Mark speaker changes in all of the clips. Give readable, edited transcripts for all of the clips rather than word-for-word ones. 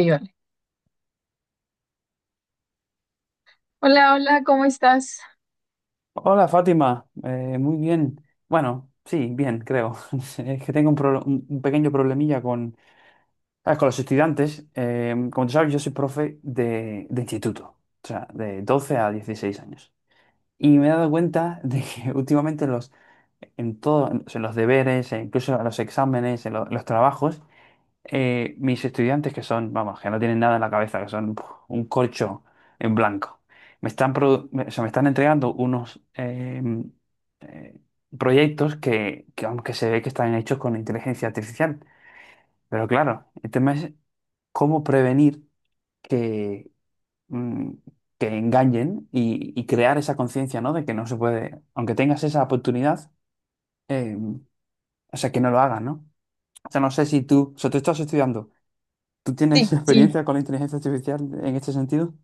Speaker 1: Iván. Hola, hola, ¿cómo estás?
Speaker 2: Hola Fátima, muy bien. Bueno, sí, bien, creo. Es que tengo un pequeño problemilla con, ¿sabes? Con los estudiantes. Como tú sabes, yo soy profe de instituto, o sea, de 12 a 16 años. Y me he dado cuenta de que últimamente los, en todo, en o sea, en los deberes, e incluso en los exámenes, en los trabajos, mis estudiantes que son, vamos, que no tienen nada en la cabeza, que son puf, un corcho en blanco, me están, o sea, me están entregando unos eh, proyectos que, aunque se ve que están hechos con inteligencia artificial, pero claro, el tema es cómo prevenir que, mm, que engañen y crear esa conciencia, ¿no? De que no se puede, aunque tengas esa oportunidad, eh, o sea, que no lo hagas, ¿no? O sea, no sé si tú, o sea, tú estás estudiando. ¿Tú tienes
Speaker 1: Sí, sí,
Speaker 2: experiencia con la inteligencia artificial en este sentido?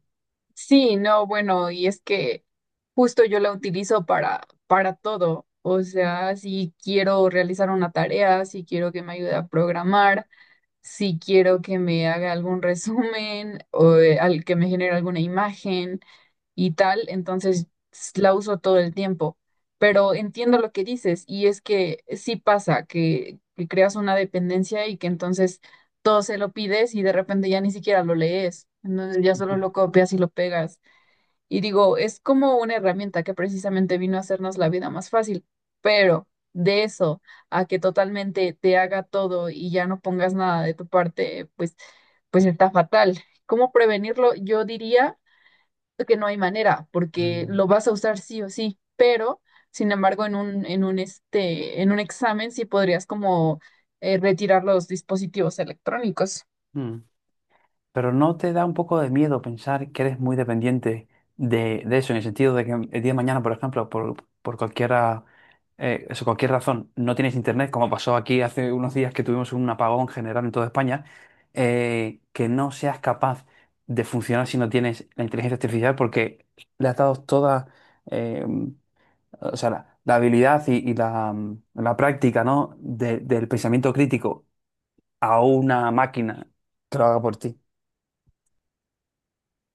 Speaker 1: sí, no, bueno, y es que justo yo la utilizo para todo. O sea, si quiero realizar una tarea, si quiero que me ayude a programar, si quiero que me haga algún resumen o al que me genere alguna imagen, y tal, entonces la uso todo el tiempo. Pero entiendo lo que dices, y es que sí pasa que creas una dependencia y que entonces todo se lo pides, y de repente ya ni siquiera lo lees, entonces ya solo
Speaker 2: Ya.
Speaker 1: lo copias y lo pegas. Y digo, es como una herramienta que precisamente vino a hacernos la vida más fácil, pero de eso a que totalmente te haga todo y ya no pongas nada de tu parte, pues, pues está fatal. ¿Cómo prevenirlo? Yo diría que no hay manera, porque
Speaker 2: Mm,
Speaker 1: lo vas a usar sí o sí, pero sin embargo en un examen sí podrías como retirar los dispositivos electrónicos.
Speaker 2: mm. Pero ¿no te da un poco de miedo pensar que eres muy dependiente de eso, en el sentido de que el día de mañana, por ejemplo, por cualquiera, cualquier razón, no tienes internet, como pasó aquí hace unos días que tuvimos un apagón general en toda España, que no seas capaz de funcionar si no tienes la inteligencia artificial porque le has dado toda, eh, o sea, la habilidad y la práctica, ¿no? Del pensamiento crítico a una máquina que lo haga por ti.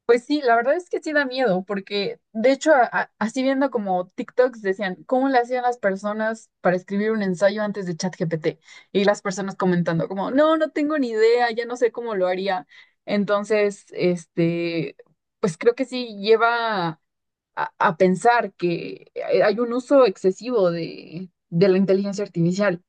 Speaker 1: Pues sí, la verdad es que sí da miedo, porque de hecho, así viendo como TikToks decían, ¿cómo le hacían las personas para escribir un ensayo antes de ChatGPT? Y las personas comentando como, no, no tengo ni idea, ya no sé cómo lo haría. Entonces, pues creo que sí lleva a pensar que hay un uso excesivo de la inteligencia artificial.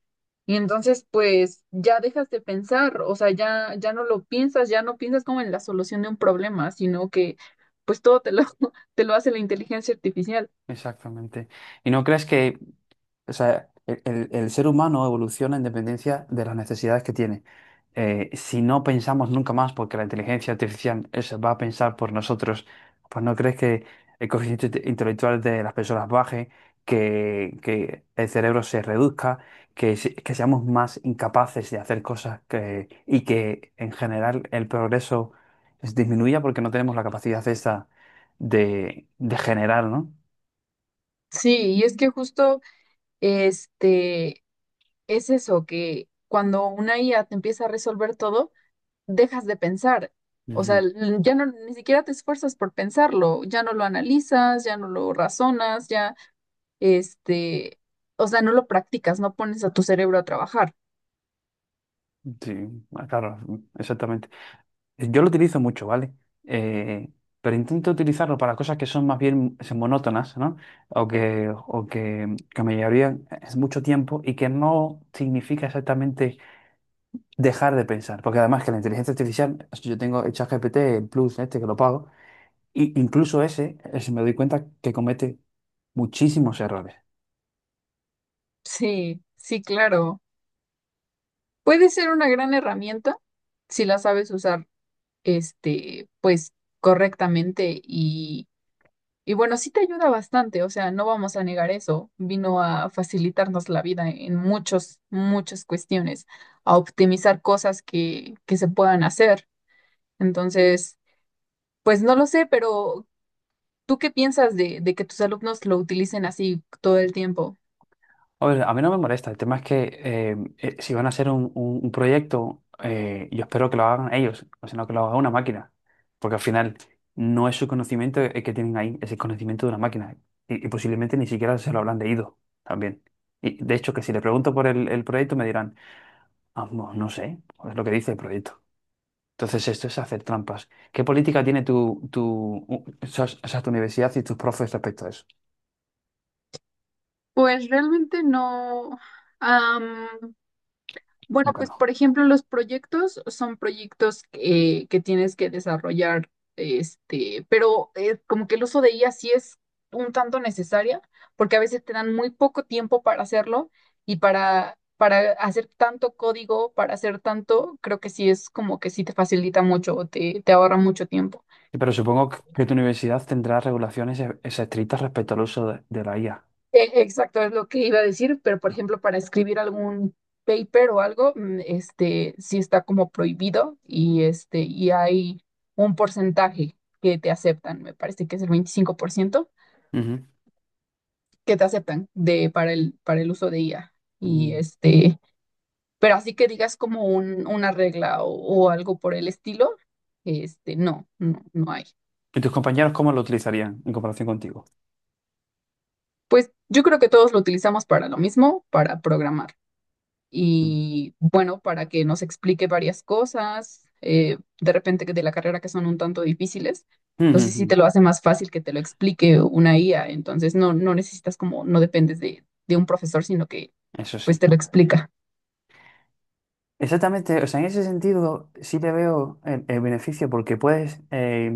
Speaker 1: Y entonces, pues, ya dejas de pensar, o sea, ya no lo piensas, ya no piensas como en la solución de un problema, sino que, pues, todo te lo, te lo hace la inteligencia artificial.
Speaker 2: Exactamente. ¿Y no crees que O sea, el ser humano evoluciona en dependencia de las necesidades que tiene. Si no pensamos nunca más porque la inteligencia artificial va a pensar por nosotros, pues no crees que el coeficiente intelectual de las personas baje, que el cerebro se reduzca, que seamos más incapaces de hacer cosas que, y que en general el progreso disminuya porque no tenemos la capacidad esa de generar, ¿no?
Speaker 1: Sí, y es que justo, este, es eso, que cuando una IA te empieza a resolver todo, dejas de pensar. O sea,
Speaker 2: Ujú.
Speaker 1: ya no, ni siquiera te esfuerzas por pensarlo, ya no lo analizas, ya no lo razonas, ya este, o sea, no lo practicas, no pones a tu cerebro a trabajar.
Speaker 2: Sí, ah, claro, exactamente. Yo lo utilizo mucho, ¿vale? Eh, pero intento utilizarlo para cosas que son más bien monótonas, ¿no? Que me llevarían es mucho tiempo y que no significa exactamente dejar de pensar. Porque además que la inteligencia artificial, yo tengo el ChatGPT el Plus este que lo pago, y incluso ese me doy cuenta que comete muchísimos errores.
Speaker 1: Sí, sí, claro. Puede ser una gran herramienta si la sabes usar, pues correctamente y bueno, sí te ayuda bastante, o sea, no vamos a negar eso. Vino a facilitarnos la vida en muchas cuestiones, a optimizar cosas que se puedan hacer. Entonces, pues no lo sé, pero ¿tú qué piensas de que tus alumnos lo utilicen así todo el tiempo?
Speaker 2: A ver, a mí no me molesta. El tema es que si van a hacer un proyecto, yo espero que lo hagan ellos, o sea, no que lo haga una máquina, porque al final no es su conocimiento el que tienen ahí, es el conocimiento de una máquina y posiblemente ni siquiera se lo habrán leído también. Y de hecho, que si le pregunto por el proyecto me dirán, "Ah, no no sé, es lo que dice el proyecto. Entonces esto es hacer trampas. ¿Qué política tiene o sea, tu universidad y tus profes respecto a eso?
Speaker 1: Pues realmente no. am, bueno,
Speaker 2: Como que
Speaker 1: pues
Speaker 2: no.
Speaker 1: por ejemplo, los proyectos son proyectos que tienes que desarrollar, como que el uso de IA sí es un tanto necesaria, porque a veces te dan muy poco tiempo para hacerlo y para hacer tanto código, para hacer tanto, creo que sí es como que sí te facilita mucho, te ahorra mucho tiempo.
Speaker 2: Sí, pero supongo que tu universidad tendrá regulaciones estrictas respecto al uso de la IA.
Speaker 1: Exacto, es lo que iba a decir, pero por ejemplo, para escribir algún paper o algo, sí está como prohibido y y hay un porcentaje que te aceptan, me parece que es el 25%
Speaker 2: Ujú.
Speaker 1: que te aceptan de, para el uso de IA. Y
Speaker 2: Mm.
Speaker 1: pero así que digas como un, una regla o algo por el estilo, no, no, no hay.
Speaker 2: ¿Y tus compañeros cómo lo utilizarían en comparación contigo?
Speaker 1: Pues yo creo que todos lo utilizamos para lo mismo, para programar.
Speaker 2: Mm.
Speaker 1: Y bueno, para que nos explique varias cosas, de repente que de la carrera, que son un tanto difíciles.
Speaker 2: Ujú,
Speaker 1: Entonces sí
Speaker 2: ujú.
Speaker 1: te lo hace más fácil que te lo explique una IA. Entonces no, no necesitas como, no dependes de un profesor, sino que
Speaker 2: Eso
Speaker 1: pues
Speaker 2: sí.
Speaker 1: te lo explica.
Speaker 2: Exactamente, o sea, en ese sentido sí le veo el beneficio porque puedes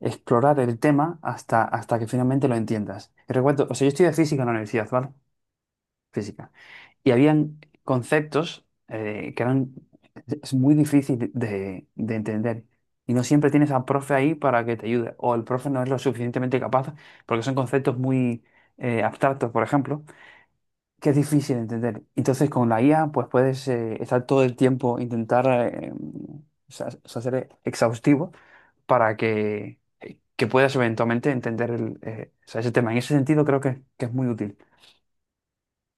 Speaker 2: explorar el tema hasta, hasta que finalmente lo entiendas. Y recuerdo, o sea, yo estudié física en la universidad, ¿vale? Física. Y habían conceptos que eran es muy difícil de entender. Y no siempre tienes al profe ahí para que te ayude. O el profe no es lo suficientemente capaz porque son conceptos muy abstractos, por ejemplo, que es difícil de entender. Entonces con la IA pues puedes estar todo el tiempo, intentar o sea, ser exhaustivo para que puedas eventualmente entender o sea, ese tema. En ese sentido creo que es muy útil.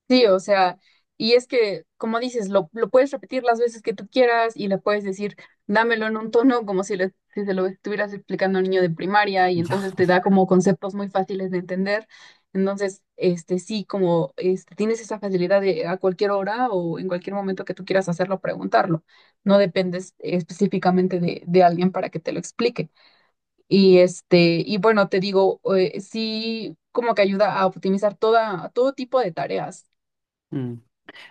Speaker 1: Sí, o sea, y es que, como dices, lo puedes repetir las veces que tú quieras, y le puedes decir, dámelo en un tono como si se lo estuvieras explicando a un niño de primaria, y
Speaker 2: Ya.
Speaker 1: entonces te da como conceptos muy fáciles de entender. Entonces, sí, como tienes esa facilidad de a cualquier hora o en cualquier momento que tú quieras hacerlo, preguntarlo. No dependes específicamente de alguien para que te lo explique. Y y bueno, te digo, sí, como que ayuda a optimizar todo tipo de tareas.
Speaker 2: Mm.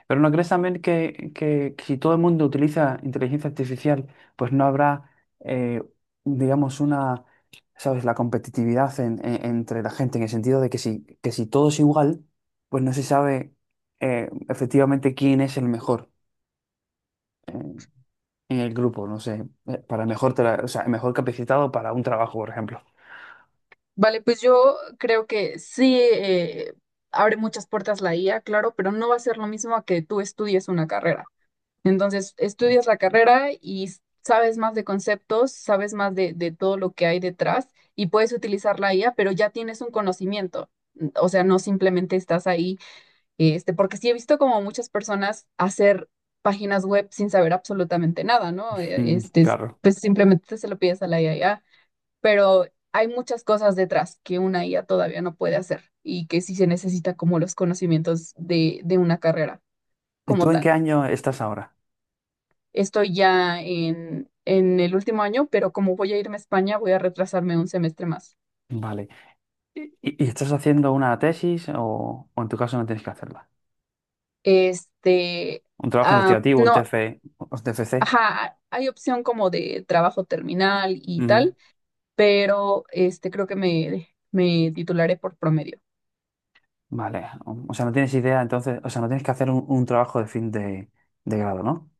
Speaker 2: Pero ¿no crees también si todo el mundo utiliza inteligencia artificial, pues no habrá, eh, digamos, una, ¿sabes?, la competitividad entre la gente, en el sentido de que si todo es igual, pues no se sabe efectivamente quién es el mejor eh, en el grupo, no sé, para el mejor, o sea, el mejor capacitado para un trabajo, por ejemplo.
Speaker 1: Vale, pues yo creo que sí abre muchas puertas la IA, claro, pero no va a ser lo mismo a que tú estudies una carrera. Entonces, estudias la carrera y sabes más de conceptos, sabes más de todo lo que hay detrás, y puedes utilizar la IA, pero ya tienes un conocimiento. O sea, no simplemente estás ahí, porque sí he visto como muchas personas hacer páginas web sin saber absolutamente nada, ¿no?
Speaker 2: Mm, claro.
Speaker 1: Pues simplemente se lo pides a la IA, pero hay muchas cosas detrás que una IA todavía no puede hacer y que sí se necesita como los conocimientos de una carrera
Speaker 2: ¿Y tú
Speaker 1: como
Speaker 2: en qué
Speaker 1: tal.
Speaker 2: año estás ahora?
Speaker 1: Estoy ya en el último año, pero como voy a irme a España, voy a retrasarme un semestre más.
Speaker 2: Vale. ¿Y, y estás haciendo una tesis o en tu caso no tienes que hacerla?
Speaker 1: Este,
Speaker 2: Un trabajo investigativo, un
Speaker 1: no,
Speaker 2: TF, un TFC.
Speaker 1: ajá, hay opción como de trabajo terminal y
Speaker 2: Ujú.
Speaker 1: tal, pero este creo que me titularé por promedio.
Speaker 2: Vale. O sea, no tienes idea, entonces, o sea, no tienes que hacer un trabajo de fin de grado, ¿no?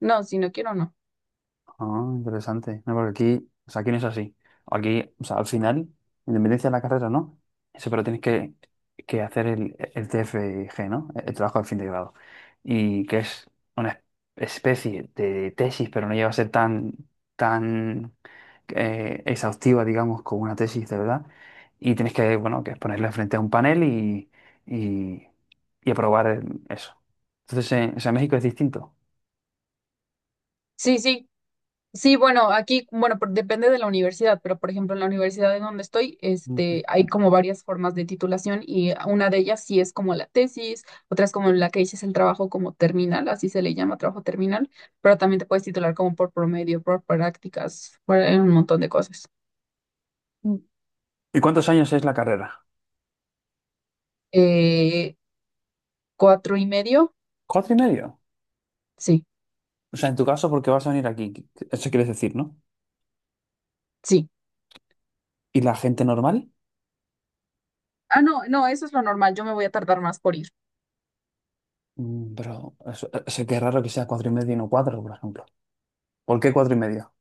Speaker 1: No, si no quiero, no.
Speaker 2: Ah, interesante. No, porque aquí, o sea, aquí no es así. Aquí, o sea, al final, independencia de la carrera, ¿no? Eso, pero tienes que hacer el TFG, ¿no? El trabajo de fin de grado. Y que es una especie de tesis, pero no llega a ser tan, tan exhaustiva, digamos, como una tesis de verdad. Y tienes que, bueno, que ponerle frente a un panel y, y aprobar eso. Entonces, o sea, en México es distinto.
Speaker 1: Sí, sí, sí, bueno, aquí, bueno, depende de la universidad, pero por ejemplo, en la universidad en donde estoy, hay como varias formas de titulación, y una de ellas sí es como la tesis, otra es como la que dices, el trabajo como terminal, así se le llama, trabajo terminal, pero también te puedes titular como por promedio, por prácticas, por un montón de cosas.
Speaker 2: Ujú. ¿Y cuántos años es la carrera?
Speaker 1: Eh, 4 y medio,
Speaker 2: ¿Cuatro y medio?
Speaker 1: sí,
Speaker 2: O sea, en tu caso, porque vas a venir aquí, eso quieres decir, ¿no?
Speaker 1: sí.
Speaker 2: ¿Y la gente normal?
Speaker 1: Ah, no, no, eso es lo normal, yo me voy a tardar más por ir.
Speaker 2: Mm, pero eso que es raro que sea cuatro y medio y no cuatro, por ejemplo. ¿Por qué cuatro y medio?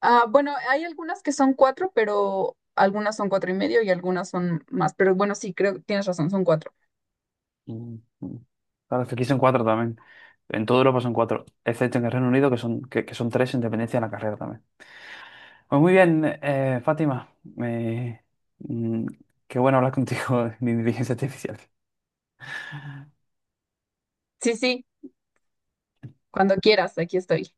Speaker 1: Ah, bueno, hay algunas que son cuatro, pero algunas son 4 y medio y algunas son más. Pero bueno, sí, creo que tienes razón, son cuatro.
Speaker 2: Mm, mm. Claro, es que aquí son cuatro también. En toda Europa son cuatro, excepto en el Reino Unido, que son tres en dependencia de la carrera también. Pues muy bien, Fátima. Mm, Qué bueno hablar contigo de inteligencia artificial.
Speaker 1: Sí, sí, cuando quieras, aquí estoy.